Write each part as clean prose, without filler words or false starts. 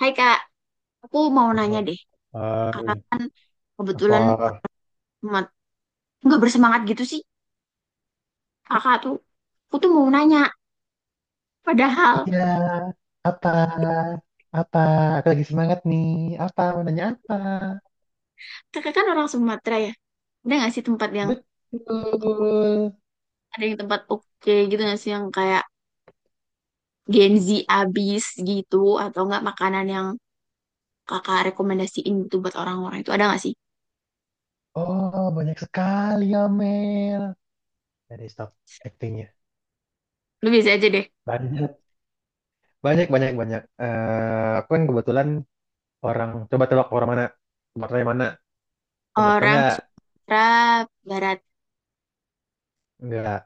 Hai Kak, aku mau nanya Oh, deh. Kakak hai, kebetulan apa? amat nggak bersemangat gitu sih. Kakak tuh, aku tuh mau nanya. Padahal Iya, apa? Apa? Aku lagi semangat nih. Apa? Mau nanya apa? kakak kan orang Sumatera ya. Ada nggak sih tempat yang Betul. ada yang tempat oke gitu nggak sih yang kayak Gen Z abis gitu atau nggak makanan yang kakak rekomendasiin gitu buat orang-orang itu ada nggak sih? Oh, banyak sekali ya, Mel. Dari stop actingnya. Lu biasa aja deh. Banyak, banyak, banyak, banyak. Eh, aku kan kebetulan orang, coba tebak orang mana? Warnanya mana? Kamu tau Orang nggak? Sumatera Barat, Nggak,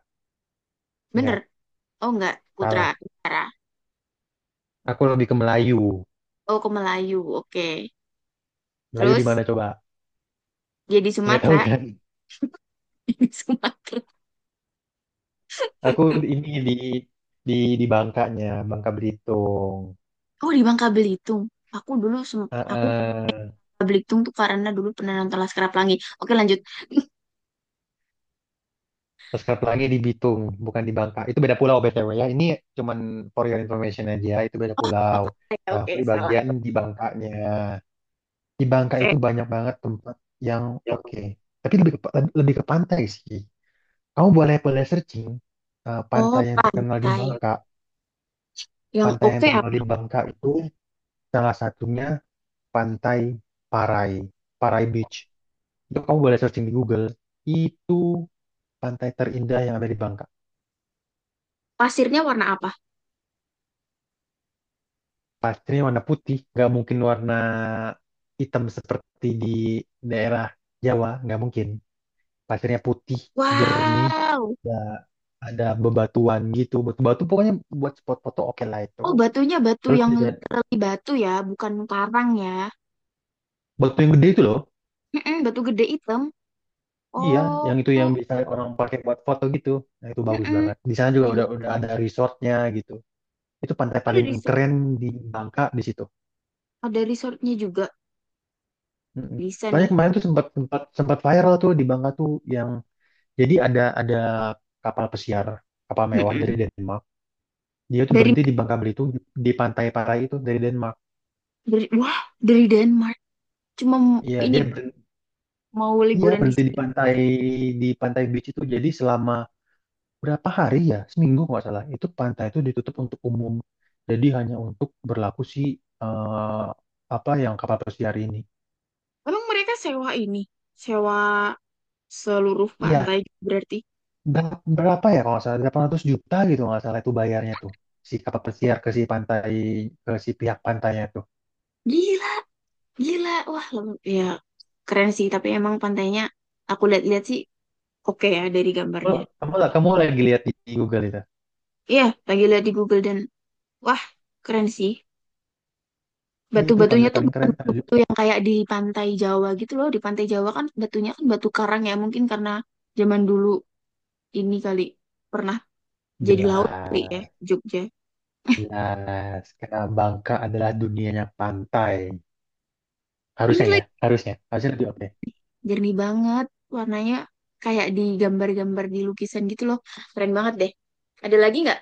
bener? nggak. Oh nggak, Putra Salah. Utara. Aku lebih ke Melayu. Oh ke Melayu, oke. Melayu di Terus mana coba? jadi Nggak tahu Sumatera, kan? Sumatera. Aku ini di di Bangkanya, Bangka Belitung. Oh di Bangka Belitung. Aku Heeh. Bangka Belitung tuh karena dulu pernah nonton Laskar Pelangi. Oke lanjut. Subscribe lagi di Bitung, bukan di Bangka. Itu beda pulau BTW ya. Ini cuman for your information aja, itu beda pulau. Oke, Nah, oke, aku di salah. bagian di Bangkanya. Di Bangka Oke. itu banyak banget tempat yang oke. Tapi lebih ke pantai sih. Kamu boleh boleh searching pantai Oh yang terkenal di pantai. Bangka. Yang Pantai yang oke terkenal apa? di Bangka itu salah satunya Pantai Parai, Parai Beach. Itu kamu boleh searching di Google. Itu pantai terindah yang ada di Bangka. Pasirnya warna apa? Pastinya warna putih, nggak mungkin warna hitam seperti di daerah Jawa, nggak mungkin. Pasirnya putih, jernih, Wow. ya ada bebatuan gitu. Batu-batu pokoknya buat spot foto oke lah itu. Oh batunya batu Terus yang bisa literally batu ya, bukan karang ya. batu yang gede itu loh. Mm-mm, batu gede hitam. Iya, Oh. yang itu yang bisa orang pakai buat foto gitu. Nah, itu bagus Mm-mm. banget. Di sana juga Eh, udah bagus. udah ada resortnya gitu. Itu pantai Oh, ada paling resort, keren di Bangka di situ. ada resortnya juga. Mm-mm. Bisa Soalnya nih. kemarin tuh sempat sempat sempat viral tuh di Bangka tuh yang jadi ada kapal pesiar kapal mewah Mm-mm. dari Denmark. Dia tuh Dari, berhenti di Bangka Belitung di pantai-pantai itu dari Denmark. wah, dari Denmark. Cuma Iya ini dia berhenti, mau iya liburan di berhenti sini. Di pantai beach itu. Jadi selama berapa hari ya seminggu kalau nggak salah itu pantai itu ditutup untuk umum. Jadi hanya untuk berlaku si eh, apa yang kapal pesiar ini. Emang mereka sewa ini, sewa seluruh Iya, pantai berarti. Berapa ya kalau nggak salah 800 juta gitu kalau nggak salah itu bayarnya tuh si kapal pesiar ke si pantai ke si pihak pantainya tuh. Gila, gila. Wah, ya keren sih, tapi emang pantainya aku lihat-lihat sih oke ya dari kamu gambarnya. kamu, kamu lagi lihat di Google itu. Iya, lagi lihat di Google dan wah, keren sih. Iya, itu Batu-batunya pantai tuh paling bukan keren. Aduh, batu yang kayak di pantai Jawa gitu loh. Di pantai Jawa kan batunya kan batu karang ya, mungkin karena zaman dulu ini kali pernah jadi laut kali ya jelas Jogja. jelas karena Bangka adalah dunianya pantai, Ini harusnya ya lagi harusnya harusnya lebih oke. jernih banget warnanya, kayak di gambar-gambar di lukisan gitu loh, keren banget deh. Ada lagi nggak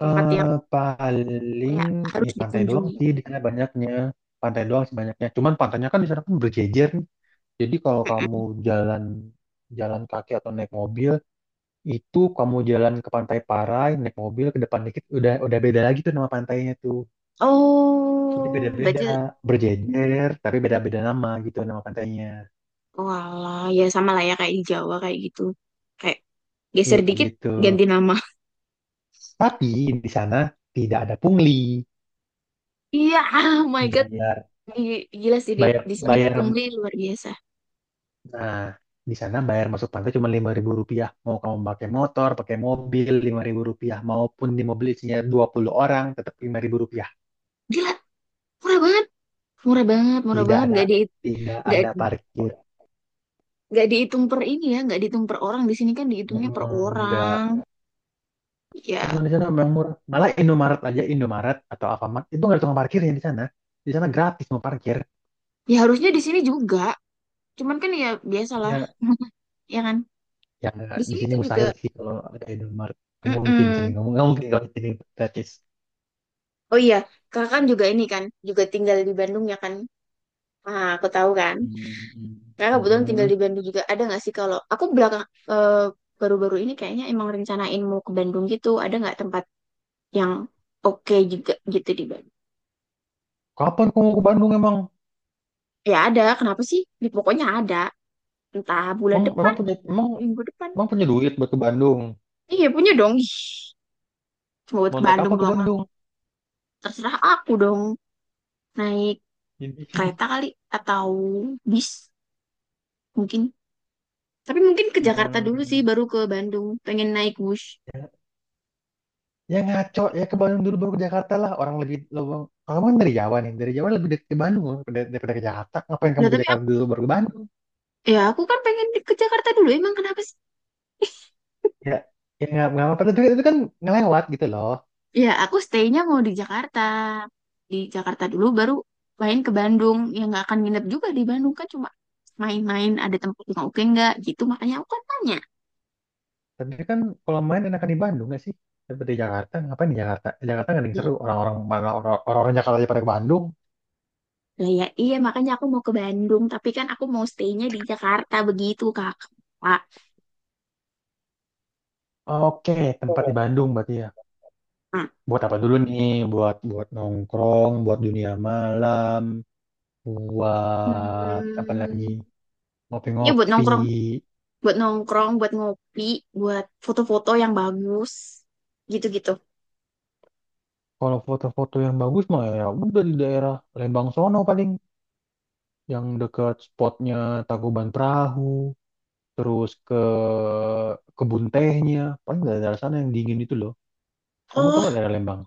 tempat yang Eh paling kayak harus ya pantai doang dikunjungi? sih di sana banyaknya pantai doang sih banyaknya cuman pantainya kan di sana kan berjejer nih jadi kalau kamu Mm-mm. jalan jalan kaki atau naik mobil. Itu kamu jalan ke Pantai Parai, naik mobil ke depan dikit, udah beda lagi tuh nama pantainya tuh. Jadi Oh beda-beda, berarti, berjejer, tapi beda-beda nama gitu nama pantainya. walah ya sama lah ya kayak di Jawa kayak gitu, kayak Iya geser kayak dikit gitu. ganti nama. Tapi di sana tidak ada pungli. Iya, oh my god. Bayar, Gila sih di bayar, di sini bayar. pungli luar biasa, Nah, di sana bayar masuk pantai cuma Rp5.000. Mau kamu pakai motor, pakai mobil, Rp5.000. Maupun di mobil isinya 20 orang, tetap Rp5.000. gila. Murah banget murah banget murah Tidak banget, ada, tidak nggak ada parkir. nggak dihitung per ini ya, nggak dihitung per orang. Di sini kan dihitungnya Hmm, per enggak. orang Emang ya. di sana emang murah. Malah Indomaret atau Alfamart itu nggak ada tukang parkir ya di sana. Di sana gratis mau parkir. Ya harusnya di sini juga. Cuman kan ya biasalah, Ya, ya kan? ya Di di sini sini tuh juga. mustahil sih kalau ada Indomaret. Nggak mungkin sih, Mm-mm. nggak mungkin kalau di sini gratis. Oh iya, kakak kan juga ini kan, juga tinggal di Bandung ya kan? Ah, aku tahu kan. Hmm. Kakak kebetulan tinggal di Bandung juga. Ada nggak sih kalau aku belakang, eh, baru-baru ini kayaknya emang rencanain mau ke Bandung gitu. Ada nggak tempat yang oke juga gitu di Bandung? Kapan kamu ke Bandung emang? Ya ada. Kenapa sih? Di pokoknya ada. Entah bulan Emang, memang depan, punya emang minggu depan. emang punya duit buat ke Bandung. Iya punya dong. Ih, cuma buat Mau ke naik Bandung apa ke doang, lah. Bandung? Terserah aku dong. Naik Ini. kereta kali atau bis mungkin, tapi mungkin ke Jakarta dulu sih Hmm. baru ke Bandung, pengen naik bus. Ya, ya ngaco ya ke Bandung dulu baru ke Jakarta lah. Orang lebih lo kamu kan dari Jawa nih, dari Jawa lebih dekat ke Bandung loh, daripada ke Jakarta. Ngapain Nah kamu ke tapi Jakarta aku, dulu baru ke Bandung? ya aku kan pengen ke Jakarta dulu, emang kenapa sih? Ya, ya nggak apa-apa. Tapi itu kan ngelewat gitu loh. Ya aku stay-nya mau di Jakarta, di Jakarta dulu baru main ke Bandung. Ya nggak akan nginep juga di Bandung kan, cuma main-main, ada tempat yang oke nggak gitu, makanya aku kan tanya. Tapi kan kalau main enakan di Bandung nggak sih? Daripada di Jakarta, ngapain di Jakarta? Di Jakarta nggak ada yang Ya, seru. Orang-orang mana orang-orang Jakarta aja pada ke Bandung. lah ya iya, makanya aku mau ke Bandung tapi kan aku mau stay-nya di Jakarta, begitu Kak. Kak. Oke, tempat di Bandung berarti ya. Nah, Buat apa dulu nih? Buat buat nongkrong, buat dunia malam, buat apa lagi? hmm, ya buat Ngopi-ngopi. nongkrong buat nongkrong, buat ngopi, buat foto-foto yang bagus, gitu-gitu. Kalau foto-foto yang bagus mah ya udah di daerah Lembang sono paling yang dekat spotnya Tangkuban Perahu, terus ke kebun tehnya, paling dari daerah sana yang dingin itu loh. Kamu tau gak Oh, daerah Lembang?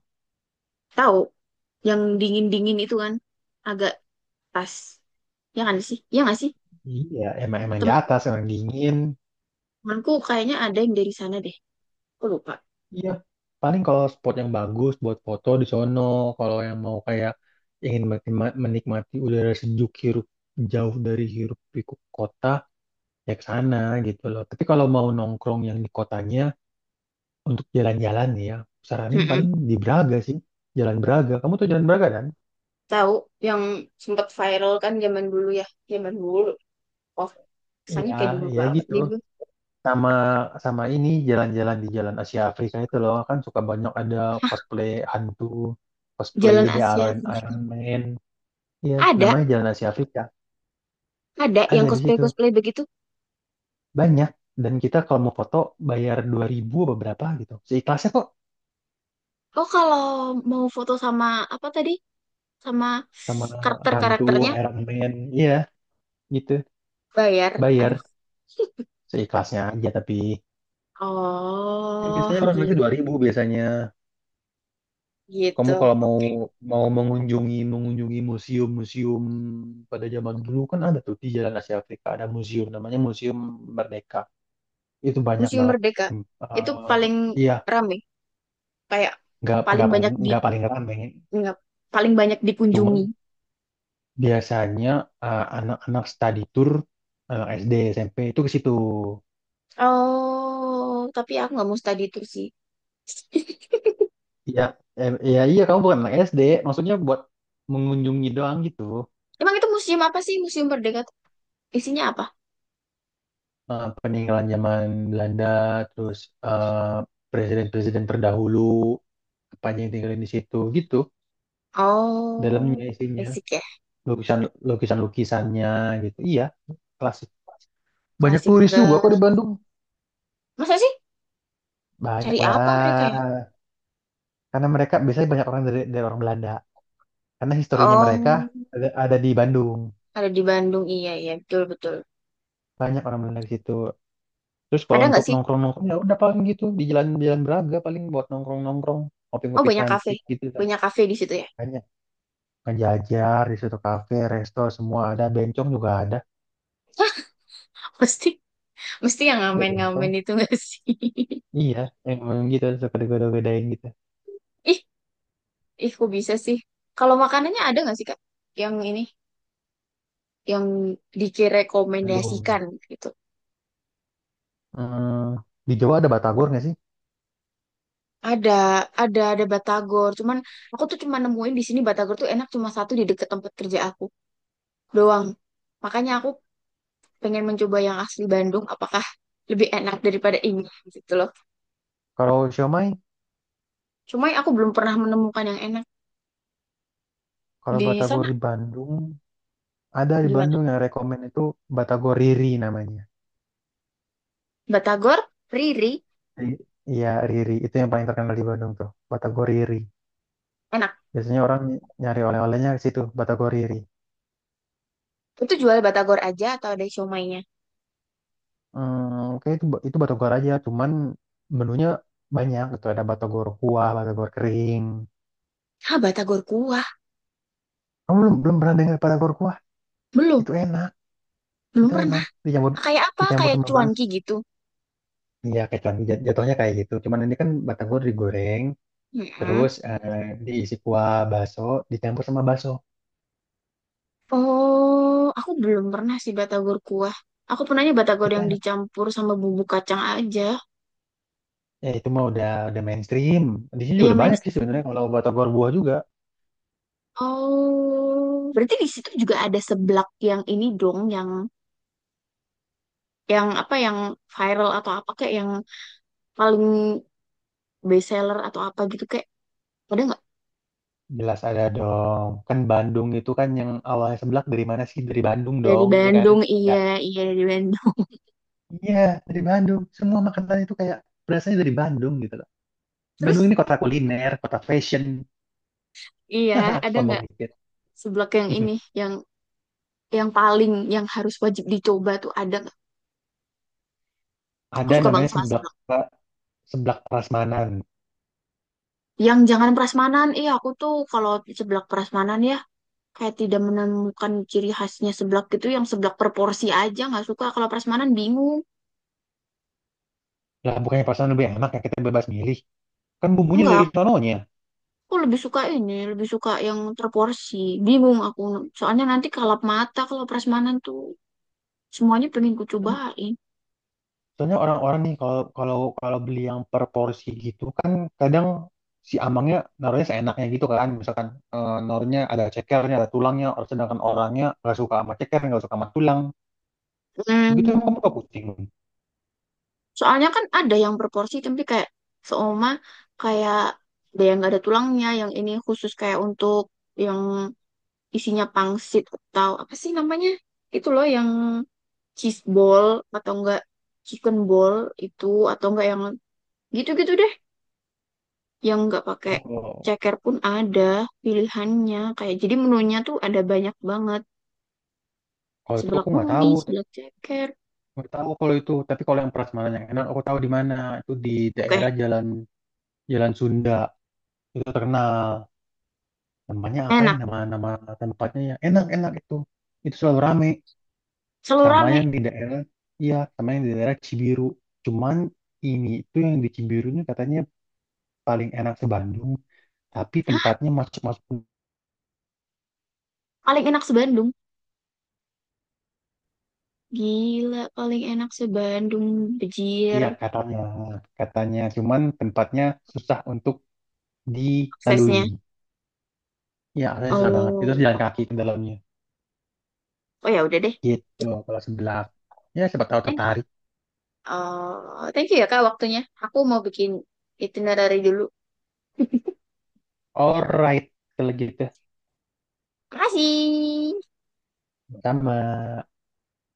tahu yang dingin-dingin itu kan agak pas. Ya kan sih? Ya nggak sih? Iya, emang emang di Temanku, atas emang dingin. temanku kayaknya ada yang dari sana deh. Aku lupa. Iya, paling kalau spot yang bagus buat foto di sono. Kalau yang mau kayak ingin menikmati udara sejuk hirup jauh dari hirup pikuk kota ya ke sana gitu loh. Tapi kalau mau nongkrong yang di kotanya. Untuk jalan-jalan nih ya, saranin Mm-mm. paling di Braga sih. Jalan Braga. Kamu tuh jalan Braga kan? Tahu yang sempat viral kan zaman dulu ya, zaman dulu. Oh, kesannya Iya, kayak dulu iya banget gitu. nih gue. Sama sama ini jalan-jalan di Jalan Asia Afrika itu loh kan suka banyak ada cosplay hantu, cosplay Jalan The Asia Iron Afrika. Iron Man. Iya, Ada, namanya Jalan Asia Afrika. ada Ada yang di situ. cosplay-cosplay begitu. Banyak. Dan kita kalau mau foto bayar 2.000 apa berapa gitu. Seikhlasnya kok Oh, kalau mau foto sama apa tadi? Sama sama hantu karakter-karakternya. Iron Man. Iya, gitu. Bayar. Aduh. Bayar seikhlasnya aja tapi kan Oh, biasanya orang gi- ngeliatnya 2.000 biasanya. gitu. Kamu kalau mau Oke. mau mengunjungi mengunjungi museum-museum pada zaman dulu kan ada tuh di Jalan Asia Afrika ada museum namanya Museum Merdeka. Itu banyak Museum banget Merdeka tem- itu eh, paling iya rame, kayak nggak paling nggak paling banyak di nggak paling ramai. nggak, paling banyak dikunjungi. Cuman biasanya anak-anak study tour anak SD SMP itu ke situ. Oh, tapi aku nggak mau study tour sih. Iya, iya iya kamu bukan anak SD, maksudnya buat mengunjungi doang gitu. Emang itu museum apa sih? Museum Merdeka tuh isinya apa? Peninggalan zaman Belanda, terus eh, presiden-presiden terdahulu, apa aja yang tinggalin di situ, gitu. Oh, Dalamnya isinya, basic ya, lukisan lukisan lukisannya, gitu. Iya, klasik. Banyak klasik turis juga kok di banget. Bandung. Masa sih? Banyak Cari apa mereka ya? lah, karena mereka biasanya banyak orang dari orang Belanda, karena historinya mereka Oh, ada di Bandung. ada di Bandung. Iya, iya, betul, betul. Banyak orang Belanda di situ. Terus kalau Ada untuk nggak sih? nongkrong-nongkrong ya udah paling gitu di jalan-jalan Braga paling buat nongkrong-nongkrong, Oh, ngopi-ngopi banyak kafe. cantik gitu kan. Banyak kafe di situ ya. Banyak. Ngejajar di suatu kafe, resto semua ada, bencong juga ada. Pasti. Mesti yang Ada bencong. ngamen-ngamen itu nggak sih? Iya, emang gitu suka digoda-godain gitu. Ih, ih kok bisa sih? Kalau makanannya ada nggak sih, Kak? Yang ini, yang Bandung. dikirekomendasikan gitu. Hmm, di Jawa ada batagor nggak sih? Ada, ada batagor. Cuman aku tuh cuma nemuin di sini batagor tuh enak cuma satu, di deket tempat kerja aku doang. Makanya aku pengen mencoba yang asli Bandung. Apakah lebih enak daripada ini gitu loh. Kalau siomay, Cuma aku belum pernah menemukan yang enak kalau di batagor sana. di Bandung ada di Gimana? Bandung yang rekomen itu batagor Riri namanya. Batagor, Riri, Ri- Iya Riri itu yang paling terkenal di Bandung tuh, batagor Riri. enak. Biasanya orang nyari oleh-olehnya ke situ, batagor Riri. Itu jual batagor aja atau ada siomaynya? Oke itu batagor aja, cuman menunya banyak gitu ada batagor kuah, batagor kering. Ah, batagor kuah. Kamu belum pernah dengar batagor kuah? Belum, Itu enak, belum itu enak. pernah. Dicampur Kayak apa? dicampur Kayak sama bas. cuanki gitu. Iya, kayak jatuhnya kayak gitu. Cuman ini kan batagor digoreng, Mm-mm. terus diisi kuah bakso, dicampur sama bakso. Oh, aku belum pernah sih batagor kuah. Aku pernahnya batagor Itu yang enak. dicampur sama bumbu kacang aja. Ya itu mah udah mainstream. Di sini juga Iya, udah Mas. banyak sih sebenarnya kalau batagor buah juga. Oh, berarti di situ juga ada seblak yang ini dong, yang apa yang viral atau apa kayak yang paling best seller atau apa gitu, kayak ada nggak Jelas ada dong. Kan Bandung itu kan yang awalnya seblak dari mana sih? Dari Bandung dari dong, ya kan? Bandung? Ya. Iya, iya dari Bandung. Iya, dari Bandung. Semua makanan itu kayak berasanya dari Bandung gitu loh. Terus Bandung ini kota kuliner, kota fashion. iya, ada Sombong nggak dikit. seblak yang ini, yang yang paling yang harus wajib dicoba tuh, ada nggak? Aku Ada suka banget namanya sama seblak. Seblak prasmanan. Yang jangan prasmanan, iya aku tuh kalau seblak prasmanan ya kayak tidak menemukan ciri khasnya seblak gitu. Yang seblak per aja nggak suka. Kalau prasmanan bingung. Lah bukannya prasmanan lebih enak ya kita bebas milih. Kan bumbunya dari Enggak, sononya. aku lebih suka ini, lebih suka yang terporsi. Bingung aku. Soalnya nanti kalap mata kalau prasmanan tuh, semuanya pengen ku cobain. Soalnya orang-orang nih kalau kalau kalau beli yang per porsi gitu kan kadang si amangnya naruhnya seenaknya gitu kan. Misalkan naruhnya ada cekernya, ada tulangnya, sedangkan orangnya nggak suka sama ceker, nggak suka sama tulang. Begitu Hmm. emang kamu keputing. Soalnya kan ada yang berporsi tapi kayak seoma, kayak ada yang nggak ada tulangnya, yang ini khusus kayak untuk yang isinya pangsit atau apa sih namanya? Itu loh yang cheese ball atau enggak chicken ball itu, atau enggak yang gitu-gitu deh. Yang nggak pakai Oh, kalau ceker pun ada pilihannya. Kayak jadi menunya tuh ada banyak banget. kalau itu Seblak aku mie, seblak ceker. nggak tahu kalau itu. Tapi kalau yang prasmanan yang enak aku tahu di mana. Itu di Oke, daerah Jalan Jalan Sunda. Itu terkenal namanya apa ya enak. nama nama tempatnya yang enak-enak itu selalu rame Selalu sama rame. yang di daerah iya sama yang di daerah Cibiru cuman ini itu yang di Cibiru ini katanya paling enak se Bandung tapi tempatnya masuk masuk Paling enak se-Bandung. Gila, paling enak se-Bandung, Bejir, iya katanya katanya cuman tempatnya susah untuk dilalui. aksesnya. Iya katanya susah banget itu harus jalan Oh, kaki ke dalamnya oh ya udah deh. gitu kalau sebelah ya siapa tahu Thank tertarik. thank you ya Kak, waktunya. Aku mau bikin itinerary dulu. Alright kalau gitu Makasih. sama